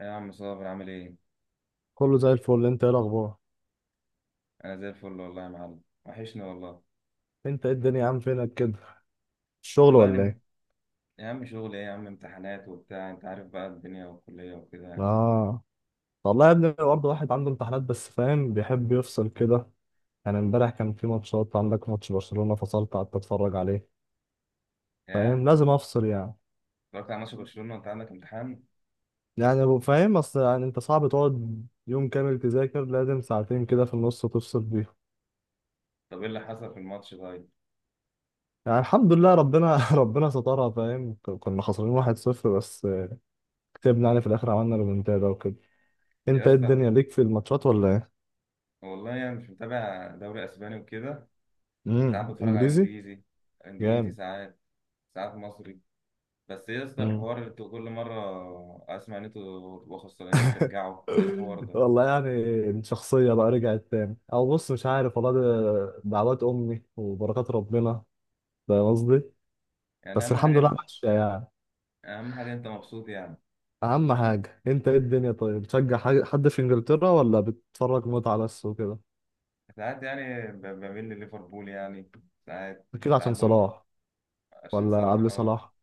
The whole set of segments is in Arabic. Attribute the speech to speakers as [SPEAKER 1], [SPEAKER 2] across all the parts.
[SPEAKER 1] إيه يا عم صابر عامل ايه؟
[SPEAKER 2] كله زي الفل. انت ايه الاخبار؟
[SPEAKER 1] انا زي الفل والله يا معلم وحشني والله.
[SPEAKER 2] انت ايه الدنيا يا عم، فينك كده؟ الشغل
[SPEAKER 1] والله انا
[SPEAKER 2] ولا
[SPEAKER 1] م-
[SPEAKER 2] ايه؟
[SPEAKER 1] يا عم شغل ايه يا عم، امتحانات وبتاع، انت عارف بقى الدنيا والكلية وكده يعني.
[SPEAKER 2] اه، والله يا ابني برضه واحد عنده امتحانات، بس فاهم بيحب يفصل كده. يعني امبارح كان في ماتشات، عندك ماتش برشلونة، فصلت قعدت اتفرج عليه.
[SPEAKER 1] ايه،
[SPEAKER 2] فاهم لازم افصل يعني.
[SPEAKER 1] اتفرجت على ماتش برشلونة وانت عندك امتحان؟
[SPEAKER 2] فاهم، اصل يعني انت صعب تقعد يوم كامل تذاكر، لازم ساعتين كده في النص تفصل بيهم.
[SPEAKER 1] طب ايه اللي حصل في الماتش طيب؟
[SPEAKER 2] يعني الحمد لله ربنا ربنا سترها. فاهم، كنا خسرانين 1-0 بس، كسبنا يعني في الاخر، عملنا ريمونتادا وكده.
[SPEAKER 1] يا
[SPEAKER 2] انت ايه
[SPEAKER 1] اسطى على
[SPEAKER 2] الدنيا
[SPEAKER 1] فكرة،
[SPEAKER 2] ليك في الماتشات ولا ايه؟
[SPEAKER 1] والله يعني مش متابع دوري اسباني وكده. ساعات بتفرج على
[SPEAKER 2] انجليزي؟
[SPEAKER 1] انجليزي، انجليزي
[SPEAKER 2] جامد.
[SPEAKER 1] ساعات، ساعات مصري. بس يا اسطى
[SPEAKER 2] مم.
[SPEAKER 1] الحوار اللي انتوا كل مرة اسمع ان انتوا تبقوا خسرانين وترجعوا، ده إيه الحوار ده؟
[SPEAKER 2] والله يعني الشخصية بقى رجعت تاني، أو بص مش عارف، والله ده دعوات أمي وبركات ربنا. فاهم قصدي.
[SPEAKER 1] يعني
[SPEAKER 2] بس
[SPEAKER 1] اهم
[SPEAKER 2] الحمد لله
[SPEAKER 1] حاجة،
[SPEAKER 2] ماشية يعني.
[SPEAKER 1] اهم حاجة انت مبسوط يعني.
[SPEAKER 2] أهم حاجة أنت، إيه الدنيا؟ طيب، بتشجع حد في إنجلترا ولا بتتفرج متعة بس وكده؟
[SPEAKER 1] ساعات يعني بميل لليفربول يعني، ساعات.
[SPEAKER 2] أكيد عشان
[SPEAKER 1] ساعات بممكن،
[SPEAKER 2] صلاح؟
[SPEAKER 1] عشان
[SPEAKER 2] ولا
[SPEAKER 1] صلاح
[SPEAKER 2] قبل
[SPEAKER 1] اه.
[SPEAKER 2] صلاح؟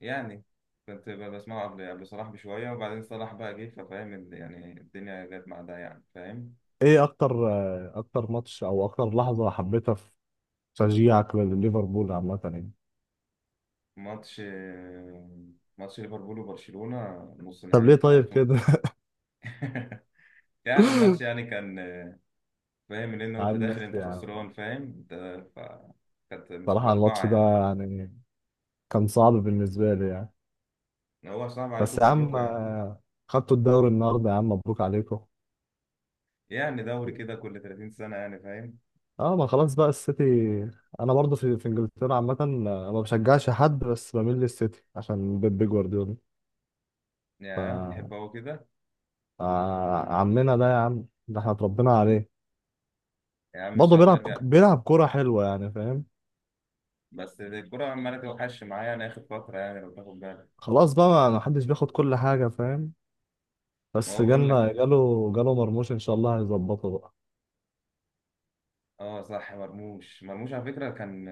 [SPEAKER 1] يعني كنت بسمعه قبل صلاح بشوية، وبعدين صلاح بقى جه، ففاهم يعني الدنيا جت مع ده يعني، فاهم.
[SPEAKER 2] إيه أكتر أكتر ماتش أو أكتر لحظة حبيتها في تشجيعك لليفربول عامة يعني؟
[SPEAKER 1] ماتش ماتش ليفربول وبرشلونة، نص
[SPEAKER 2] طب
[SPEAKER 1] نهائي
[SPEAKER 2] ليه
[SPEAKER 1] بتاع
[SPEAKER 2] طيب
[SPEAKER 1] 2000.
[SPEAKER 2] كده؟
[SPEAKER 1] يعني الماتش يعني كان، فاهم ان
[SPEAKER 2] يا
[SPEAKER 1] انت
[SPEAKER 2] عم
[SPEAKER 1] داخل
[SPEAKER 2] ماشي
[SPEAKER 1] انت
[SPEAKER 2] يا عم.
[SPEAKER 1] خسران فاهم انت. ف كانت مش
[SPEAKER 2] صراحة الماتش
[SPEAKER 1] متوقعة
[SPEAKER 2] ده
[SPEAKER 1] يعني.
[SPEAKER 2] يعني كان صعب بالنسبة لي يعني.
[SPEAKER 1] هو صعب
[SPEAKER 2] بس
[SPEAKER 1] عليكم
[SPEAKER 2] يا عم،
[SPEAKER 1] كلكم يعني.
[SPEAKER 2] آه، خدتوا الدوري النهارده يا عم، مبروك عليكم.
[SPEAKER 1] يعني دوري كده كل 30 سنة يعني، فاهم.
[SPEAKER 2] اه، ما خلاص بقى السيتي. انا برضو في انجلترا عامة، آه، ما بشجعش حد، بس بميل للسيتي عشان بيب جوارديولا. ف
[SPEAKER 1] يا تحب هو كده.
[SPEAKER 2] آه، عمنا ده يا عم، ده احنا اتربينا عليه.
[SPEAKER 1] يا عم ان
[SPEAKER 2] برضه
[SPEAKER 1] شاء الله
[SPEAKER 2] بيلعب
[SPEAKER 1] يرجع.
[SPEAKER 2] بيلعب كورة حلوة يعني، فاهم.
[SPEAKER 1] بس الكرة عمالة توحش معايا يعني اخر فترة، يعني لو تاخد بالك.
[SPEAKER 2] خلاص بقى، ما حدش بياخد كل حاجة، فاهم.
[SPEAKER 1] ما
[SPEAKER 2] بس
[SPEAKER 1] هو بقول لك،
[SPEAKER 2] جالنا جاله مرموش، ان شاء الله هيظبطه بقى.
[SPEAKER 1] اه صح، مرموش، مرموش على فكرة كان،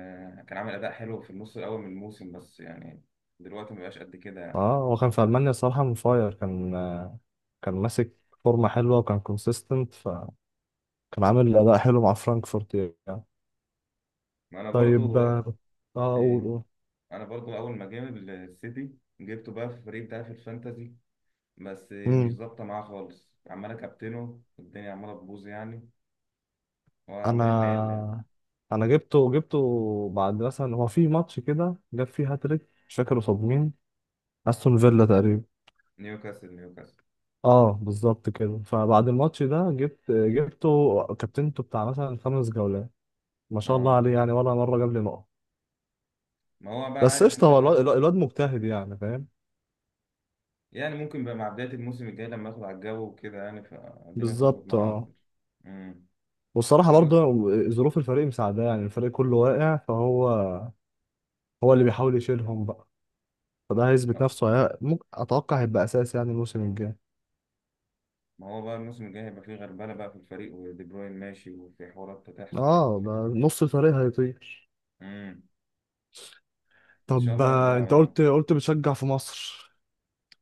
[SPEAKER 1] كان عامل اداء حلو في النص الاول من الموسم، بس يعني دلوقتي ما بقاش قد كده يعني.
[SPEAKER 2] اه، هو كان في المانيا الصراحه منفاير، كان آه، كان ماسك فورمه حلوه وكان كونسيستنت، فكان عامل اداء حلو مع فرانكفورت يعني.
[SPEAKER 1] ما انا
[SPEAKER 2] طيب
[SPEAKER 1] برضو
[SPEAKER 2] اه، آه، قول
[SPEAKER 1] ايه،
[SPEAKER 2] قول
[SPEAKER 1] انا برضو اول ما جه السيتي جبته بقى في الفريق بتاعي في الفانتازي. بس مش
[SPEAKER 2] امم
[SPEAKER 1] ظابطة معاه خالص، عمال اكابتنه الدنيا عمالة تبوظ يعني،
[SPEAKER 2] انا
[SPEAKER 1] وعمالين نقل يعني.
[SPEAKER 2] انا جبته بعد مثلا، هو في ماتش كده جاب فيه هاتريك، مش فاكر قصاد مين، استون فيلا تقريبا.
[SPEAKER 1] نيوكاسل
[SPEAKER 2] اه بالظبط كده. فبعد الماتش ده جبته كابتنته بتاع مثلا خمس جولات، ما شاء الله
[SPEAKER 1] اه.
[SPEAKER 2] عليه يعني، ولا مره جاب لي نقط.
[SPEAKER 1] ما هو بقى
[SPEAKER 2] بس
[SPEAKER 1] عارف
[SPEAKER 2] قشطه،
[SPEAKER 1] انت
[SPEAKER 2] هو الواد
[SPEAKER 1] بقى.
[SPEAKER 2] الواد مجتهد يعني، فاهم.
[SPEAKER 1] يعني ممكن بقى مع بداية الموسم الجاي لما اخد على الجو وكده يعني، فالدنيا تظبط
[SPEAKER 2] بالظبط
[SPEAKER 1] معايا
[SPEAKER 2] اه.
[SPEAKER 1] اكتر. امم
[SPEAKER 2] والصراحة
[SPEAKER 1] تقدر.
[SPEAKER 2] برضه، ظروف الفريق مساعدة، يعني الفريق كله واقع، فهو هو اللي بيحاول يشيلهم بقى. فده هيثبت
[SPEAKER 1] ما
[SPEAKER 2] نفسه، ممكن اتوقع هيبقى اساس يعني الموسم الجاي.
[SPEAKER 1] ما هو بقى الموسم الجاي هيبقى فيه غربلة بقى في الفريق، ودي بروين ماشي، وفي حوارات هتحصل يعني.
[SPEAKER 2] اه، ده نص الفريق هيطير.
[SPEAKER 1] امم ان شاء
[SPEAKER 2] طب
[SPEAKER 1] الله
[SPEAKER 2] آه،
[SPEAKER 1] يرجعوا
[SPEAKER 2] انت
[SPEAKER 1] يعني.
[SPEAKER 2] قلت بتشجع في مصر؟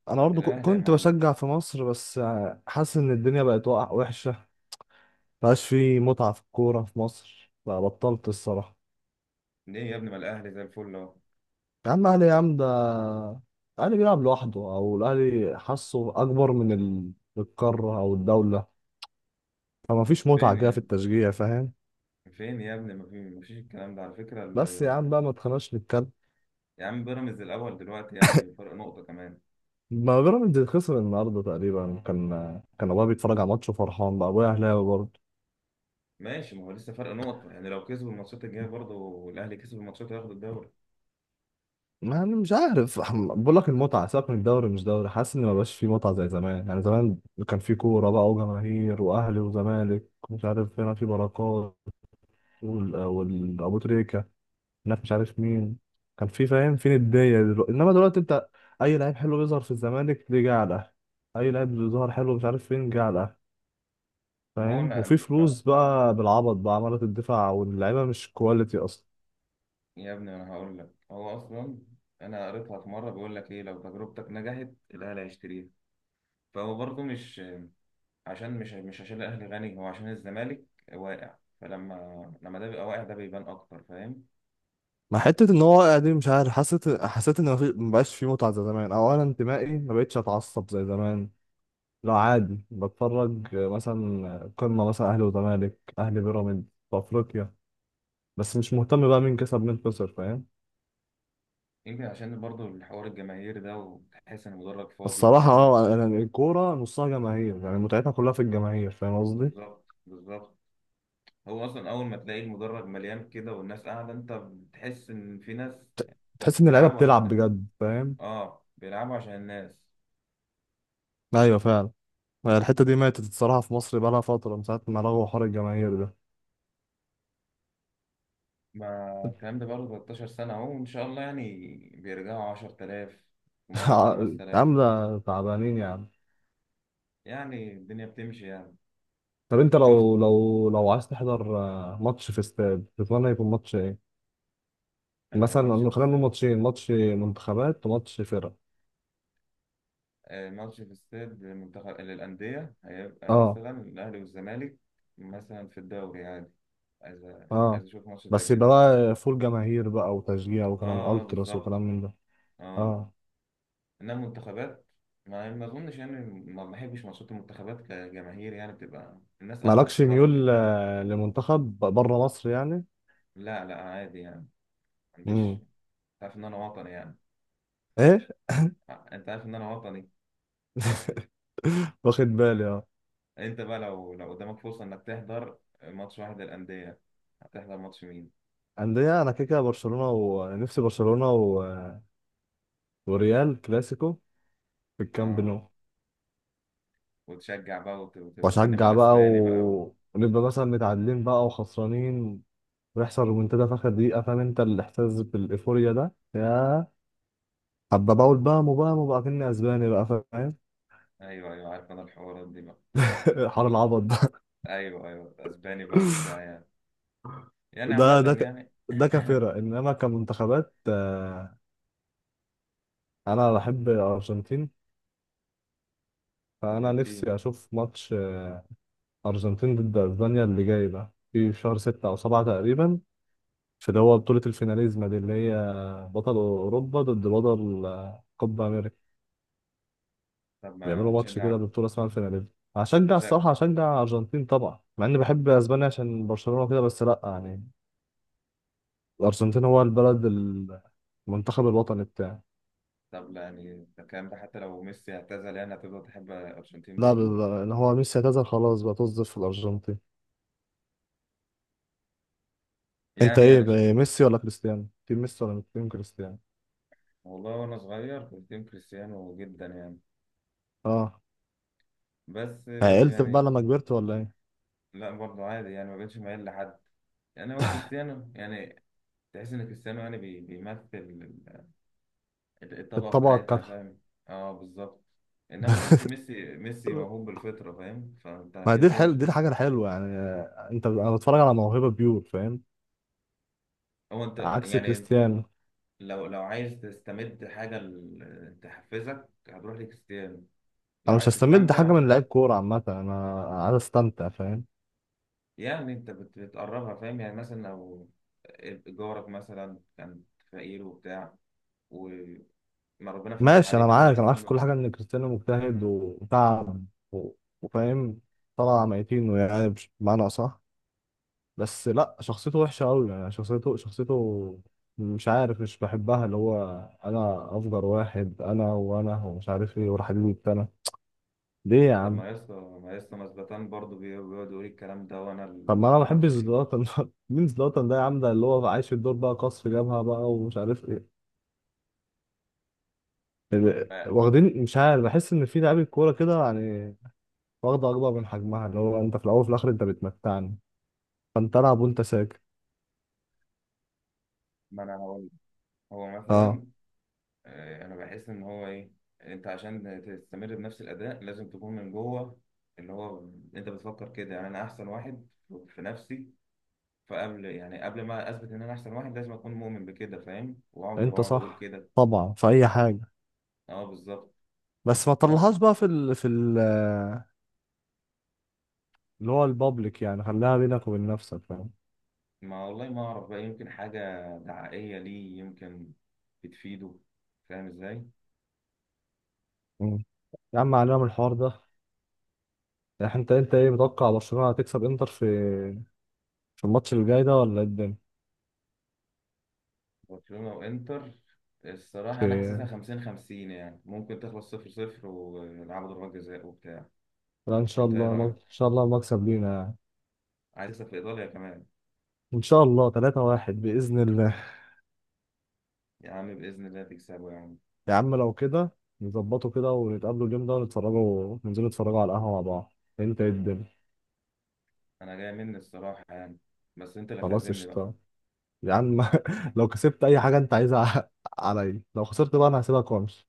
[SPEAKER 2] انا برضه
[SPEAKER 1] الاهلي يا
[SPEAKER 2] كنت
[SPEAKER 1] معلم.
[SPEAKER 2] بشجع في مصر، بس آه، حاسس ان الدنيا بقت وقع وحشة. مبقاش في متعة في الكورة في مصر، بقى بطلت الصراحة.
[SPEAKER 1] ليه يا ابني؟ ما الاهلي زي الفل اهو.
[SPEAKER 2] يا عم الاهلي يا عم، ده الاهلي بيلعب لوحده، او الاهلي حاسه اكبر من القاره او الدوله. فما فيش متعه
[SPEAKER 1] فين
[SPEAKER 2] كده
[SPEAKER 1] يا
[SPEAKER 2] في
[SPEAKER 1] ابني؟
[SPEAKER 2] التشجيع، فاهم.
[SPEAKER 1] فين يا ابني، ما في، مفيش الكلام ده على فكرة
[SPEAKER 2] بس يا عم بقى، ما تخناش نتكلم.
[SPEAKER 1] يا عم، بيراميدز الاول دلوقتي يا ابني بفرق نقطة كمان.
[SPEAKER 2] ما بيراميدز خسر النهارده تقريبا، كان كان ابويا بيتفرج على ماتش وفرحان بقى، ابويا اهلاوي برضه.
[SPEAKER 1] ماشي، ما هو لسه فرق نقطة يعني، لو كسبوا الماتشات الجاية برضه والاهلي كسب الماتشات، هياخد الدوري.
[SPEAKER 2] ما انا مش عارف بقول لك المتعه، سيبك من الدوري مش دوري، حاسس ان ما بقاش فيه متعه زي زمان. يعني زمان كان في كوره بقى وجماهير، واهلي وزمالك، مش عارف هنا في بركات والابو تريكه، هناك مش عارف مين، كان في، فاهم، فين الدنيا دلوقتي. انما دلوقتي انت، اي لعيب حلو بيظهر في الزمالك دي جه على الاهلي، اي لعيب بيظهر حلو مش عارف فين جه على الاهلي،
[SPEAKER 1] ما هو
[SPEAKER 2] فاهم. وفي
[SPEAKER 1] أنا-
[SPEAKER 2] فلوس بقى بالعبط بقى، عمالة الدفاع واللعيبه مش كواليتي اصلا.
[SPEAKER 1] يا ابني انا هقول لك، هو اصلا، انا قريتها في مره، بيقول لك ايه، لو تجربتك نجحت الاهلي هيشتريها. فهو برضه مش، عشان مش عشان الاهلي غني، هو عشان الزمالك واقع. لما ده بيبقى واقع، ده بيبان اكتر فاهم.
[SPEAKER 2] مع حتة ان هو واقع دي، مش عارف، حسيت ان مبقاش في متعة زي زمان، او انا انتمائي مبقتش اتعصب زي زمان. لا عادي، بتفرج مثلا قمة مثلا اهلي وزمالك، اهلي بيراميدز في افريقيا، بس مش مهتم بقى مين كسب مين خسر، فاهم.
[SPEAKER 1] يمكن عشان برضه الحوار الجماهيري ده، وتحس ان المدرج فاضي،
[SPEAKER 2] الصراحة
[SPEAKER 1] تحس ان.
[SPEAKER 2] اه، الكورة نصها جماهير، يعني متعتها كلها في الجماهير، فاهم قصدي؟
[SPEAKER 1] بالظبط، بالظبط. هو اصلا اول ما تلاقي المدرج مليان كده والناس قاعده، انت بتحس ان في ناس
[SPEAKER 2] ت- تحس إن اللعيبة
[SPEAKER 1] بيلعبوا عشان
[SPEAKER 2] بتلعب
[SPEAKER 1] ده.
[SPEAKER 2] بجد، فاهم؟
[SPEAKER 1] اه بيلعبوا عشان الناس.
[SPEAKER 2] أيوة فعلا. يعني الحتة دي ماتت الصراحة في مصر، بقالها فترة من ساعة ما لغوا حوار الجماهير ده.
[SPEAKER 1] ما الكلام ده بقاله 13 سنة أهو، وإن شاء الله يعني بيرجعوا. 10,000 ومرة ب 5,000،
[SPEAKER 2] عاملة تعبانين يعني.
[SPEAKER 1] يعني الدنيا بتمشي يعني.
[SPEAKER 2] طب أنت
[SPEAKER 1] شفت،
[SPEAKER 2] لو لو عايز تحضر آه، ماتش في استاد، تتمنى يكون ماتش إيه؟
[SPEAKER 1] آه، ماتش في
[SPEAKER 2] خلينا نقول ماتشين، ماتش منتخبات وماتش فرق.
[SPEAKER 1] آه، ماتش في استاد، منتخب للأندية هيبقى
[SPEAKER 2] اه
[SPEAKER 1] مثلا الأهلي والزمالك، مثلا في الدوري عادي. عايز
[SPEAKER 2] اه.
[SPEAKER 1] عايز أشوف ماتش زي
[SPEAKER 2] بس
[SPEAKER 1] كده.
[SPEAKER 2] يبقى بقى فول جماهير بقى وتشجيع وكلام
[SPEAKER 1] أه، أه
[SPEAKER 2] ألتراس وكلام
[SPEAKER 1] بالظبط،
[SPEAKER 2] من ده.
[SPEAKER 1] أه.
[SPEAKER 2] اه.
[SPEAKER 1] إنما المنتخبات، ما أظنش يعني، ما بحبش ماتشات المنتخبات كجماهير يعني، بتبقى الناس قاعدة
[SPEAKER 2] مالكش
[SPEAKER 1] تتفرج
[SPEAKER 2] ميول
[SPEAKER 1] يعني.
[SPEAKER 2] آه، لمنتخب بره مصر يعني؟
[SPEAKER 1] لا لا عادي يعني، ما
[SPEAKER 2] امم
[SPEAKER 1] عنديش. تعرف إن أنا وطني يعني.
[SPEAKER 2] ايه.
[SPEAKER 1] آه، انت عارف ان انا وطني.
[SPEAKER 2] واخد بالي اه.
[SPEAKER 1] انت بقى لو قدامك فرصة انك تحضر ماتش واحد للأندية، هتحضر ماتش مين؟
[SPEAKER 2] انديه، انا كده كده برشلونه ونفسي برشلونه وريال، كلاسيكو في الكامب
[SPEAKER 1] اه،
[SPEAKER 2] نو.
[SPEAKER 1] وتشجع بقى وتغني
[SPEAKER 2] واشجع بقى
[SPEAKER 1] بالاسباني بقى و...
[SPEAKER 2] ونبقى مثلا متعادلين بقى وخسرانين، ويحصل رومنتادا في اخر دقيقه، فاهم انت الاحساس بالايفوريا ده، يا حبه بقول بقى مو بقى كني اسباني بقى، فاهم.
[SPEAKER 1] ايوه ايوه عارف انا الحوارات دي بقى.
[SPEAKER 2] حوار العبط ده.
[SPEAKER 1] ايوه ايوه، اسباني بقى وبتاع يعني. يعني عامة
[SPEAKER 2] ده ده ك...
[SPEAKER 1] يعني.
[SPEAKER 2] ده كفرق، انما كمنتخبات آه، انا بحب الارجنتين. فانا نفسي
[SPEAKER 1] ارجنتين.
[SPEAKER 2] اشوف ماتش ارجنتين ضد اسبانيا اللي جاي ده في شهر ستة او سبعة تقريبا، في اللي هو بطولة الفيناليزما دي، اللي هي بطل اوروبا ضد بطل آه، كوبا امريكا.
[SPEAKER 1] طب
[SPEAKER 2] بيعملوا
[SPEAKER 1] ما
[SPEAKER 2] ماتش
[SPEAKER 1] هتشجع.
[SPEAKER 2] كده ببطولة اسمها الفيناليزما. هشجع
[SPEAKER 1] هتشجع.
[SPEAKER 2] الصراحة، هشجع الارجنتين طبعا، مع اني بحب اسبانيا عشان برشلونة كده، بس لا يعني الارجنتين هو البلد المنتخب الوطني بتاعي.
[SPEAKER 1] طب لا يعني، ده الكلام ده حتى لو ميسي اعتزل يعني هتفضل تحب الارجنتين
[SPEAKER 2] لا
[SPEAKER 1] برضو.
[SPEAKER 2] اللي هو ميسي اعتزل خلاص بقى، تصدف في الارجنتين. انت
[SPEAKER 1] يعني
[SPEAKER 2] ايه
[SPEAKER 1] انا ش...
[SPEAKER 2] بقى، ميسي ولا كريستيانو، تيم ميسي ولا تيم كريستيانو؟
[SPEAKER 1] والله وانا صغير كنت تيم كريستيانو جدا يعني،
[SPEAKER 2] اه.
[SPEAKER 1] بس
[SPEAKER 2] عقلت بقى
[SPEAKER 1] يعني.
[SPEAKER 2] لما كبرت ولا ايه؟
[SPEAKER 1] لا برضه عادي يعني، ما بقتش مايل لحد يعني. هو كريستيانو يعني، تحس ان كريستيانو يعني، بيمثل الطبقه
[SPEAKER 2] الطبقه
[SPEAKER 1] بتاعتنا
[SPEAKER 2] الكادحه.
[SPEAKER 1] فاهم. اه بالظبط. انما تحس ميسي، ميسي موهوب بالفطره فاهم، فانت
[SPEAKER 2] ما دي
[SPEAKER 1] كده كده مش
[SPEAKER 2] الحل، دي
[SPEAKER 1] هتبقى.
[SPEAKER 2] الحاجه الحلوه يعني، آه، انا بتفرج على موهبه بيور، فاهم،
[SPEAKER 1] هو انت
[SPEAKER 2] عكس
[SPEAKER 1] يعني،
[SPEAKER 2] كريستيانو.
[SPEAKER 1] لو عايز تستمد حاجه تحفزك هتروح لكريستيانو، لو
[SPEAKER 2] انا مش
[SPEAKER 1] عايز
[SPEAKER 2] هستمد حاجه
[SPEAKER 1] تستمتع.
[SPEAKER 2] من لعيب كوره عامه، انا عايز استمتع، فاهم.
[SPEAKER 1] يعني انت بتقربها فاهم، يعني مثلا لو جارك مثلا كان فقير وبتاع، و، ما ربنا فتحها
[SPEAKER 2] ماشي
[SPEAKER 1] عليه،
[SPEAKER 2] انا
[SPEAKER 1] فانت
[SPEAKER 2] معاك، انا
[SPEAKER 1] بتحس
[SPEAKER 2] عارف في
[SPEAKER 1] انه.
[SPEAKER 2] كل حاجه ان كريستيانو مجتهد وتعب و- وفاهم، طلع ميتين يعني بمعنى صح. بس لا، شخصيته وحشه قوي يعني، شخصيته مش عارف، مش بحبها، اللي هو انا افجر واحد انا، ومش عارف ايه، وراح حبيبي، ليه يا
[SPEAKER 1] طب
[SPEAKER 2] عم؟
[SPEAKER 1] ما يسطا، ما يسطا مثبتان برضه بيقعد يقول الكلام ده، وانا اللي
[SPEAKER 2] طب ما انا
[SPEAKER 1] ما
[SPEAKER 2] ما بحبش
[SPEAKER 1] اعرفش ايه.
[SPEAKER 2] زلاتان ده. مين زلاتان ده يا عم؟ ده اللي هو عايش في الدور بقى، قصف جبهه بقى ومش عارف ايه.
[SPEAKER 1] ما,
[SPEAKER 2] واخدين، مش عارف، بحس ان في لعيبه كوره كده يعني واخده اكبر من حجمها. اللي هو انت في الاول وفي الاخر انت بتمتعني، فانت العب وانت ساكت.
[SPEAKER 1] ما انا هقول لك. هو
[SPEAKER 2] اه.
[SPEAKER 1] مثلا آه، انا بحس ان هو ايه، انت عشان تستمر بنفس الاداء لازم تكون من جوه، اللي هو انت بتفكر كده يعني، انا احسن واحد في نفسي. فقبل يعني قبل ما اثبت ان انا احسن واحد لازم اكون مؤمن بكده فاهم، واقعد،
[SPEAKER 2] انت
[SPEAKER 1] واقعد اقول
[SPEAKER 2] صح
[SPEAKER 1] كده.
[SPEAKER 2] طبعا في اي حاجه،
[SPEAKER 1] اه بالظبط.
[SPEAKER 2] بس ما تطلعهاش
[SPEAKER 1] فهو،
[SPEAKER 2] بقى في اللي هو البابليك يعني، خليها بينك وبين نفسك، فاهم.
[SPEAKER 1] ما والله ما اعرف بقى، يمكن حاجه دعائيه ليه، يمكن بتفيده فاهم ازاي.
[SPEAKER 2] مم. يا عم علينا من الحوار ده. يعني انت ايه متوقع، برشلونه هتكسب انتر في في الماتش اللي جاي ده ولا ايه الدنيا؟
[SPEAKER 1] برشلونة وانتر، الصراحة انا حاسسها
[SPEAKER 2] في
[SPEAKER 1] 50 50 يعني، ممكن تخلص 0 0 ويلعبوا ضربات جزاء وبتاع.
[SPEAKER 2] لا ان شاء
[SPEAKER 1] انت ايه
[SPEAKER 2] الله، ان
[SPEAKER 1] رأيك؟
[SPEAKER 2] شاء الله المكسب لينا يعني.
[SPEAKER 1] عايز تكسب في ايطاليا كمان.
[SPEAKER 2] ان شاء الله 3-1 باذن الله.
[SPEAKER 1] يا عم بإذن الله تكسبه يا عم.
[SPEAKER 2] يا عم لو كده، نظبطه كده ونتقابلوا اليوم ده ونتفرجوا، ننزلوا نتفرجوا على القهوه مع بعض. إيه انت ايه الدنيا؟
[SPEAKER 1] انا جاي مني الصراحة يعني، بس انت اللي
[SPEAKER 2] خلاص
[SPEAKER 1] تعزمني بقى.
[SPEAKER 2] قشطه يا عم. لو كسبت اي حاجه انت عايزها، عليا، لو خسرت بقى انا هسيبك وامشي.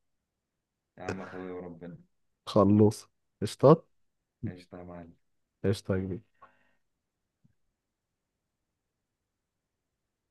[SPEAKER 1] يا عم اخويا وربنا.
[SPEAKER 2] خلص، قشطات.
[SPEAKER 1] قشطة يا معلم.
[SPEAKER 2] قشطه يا كبير.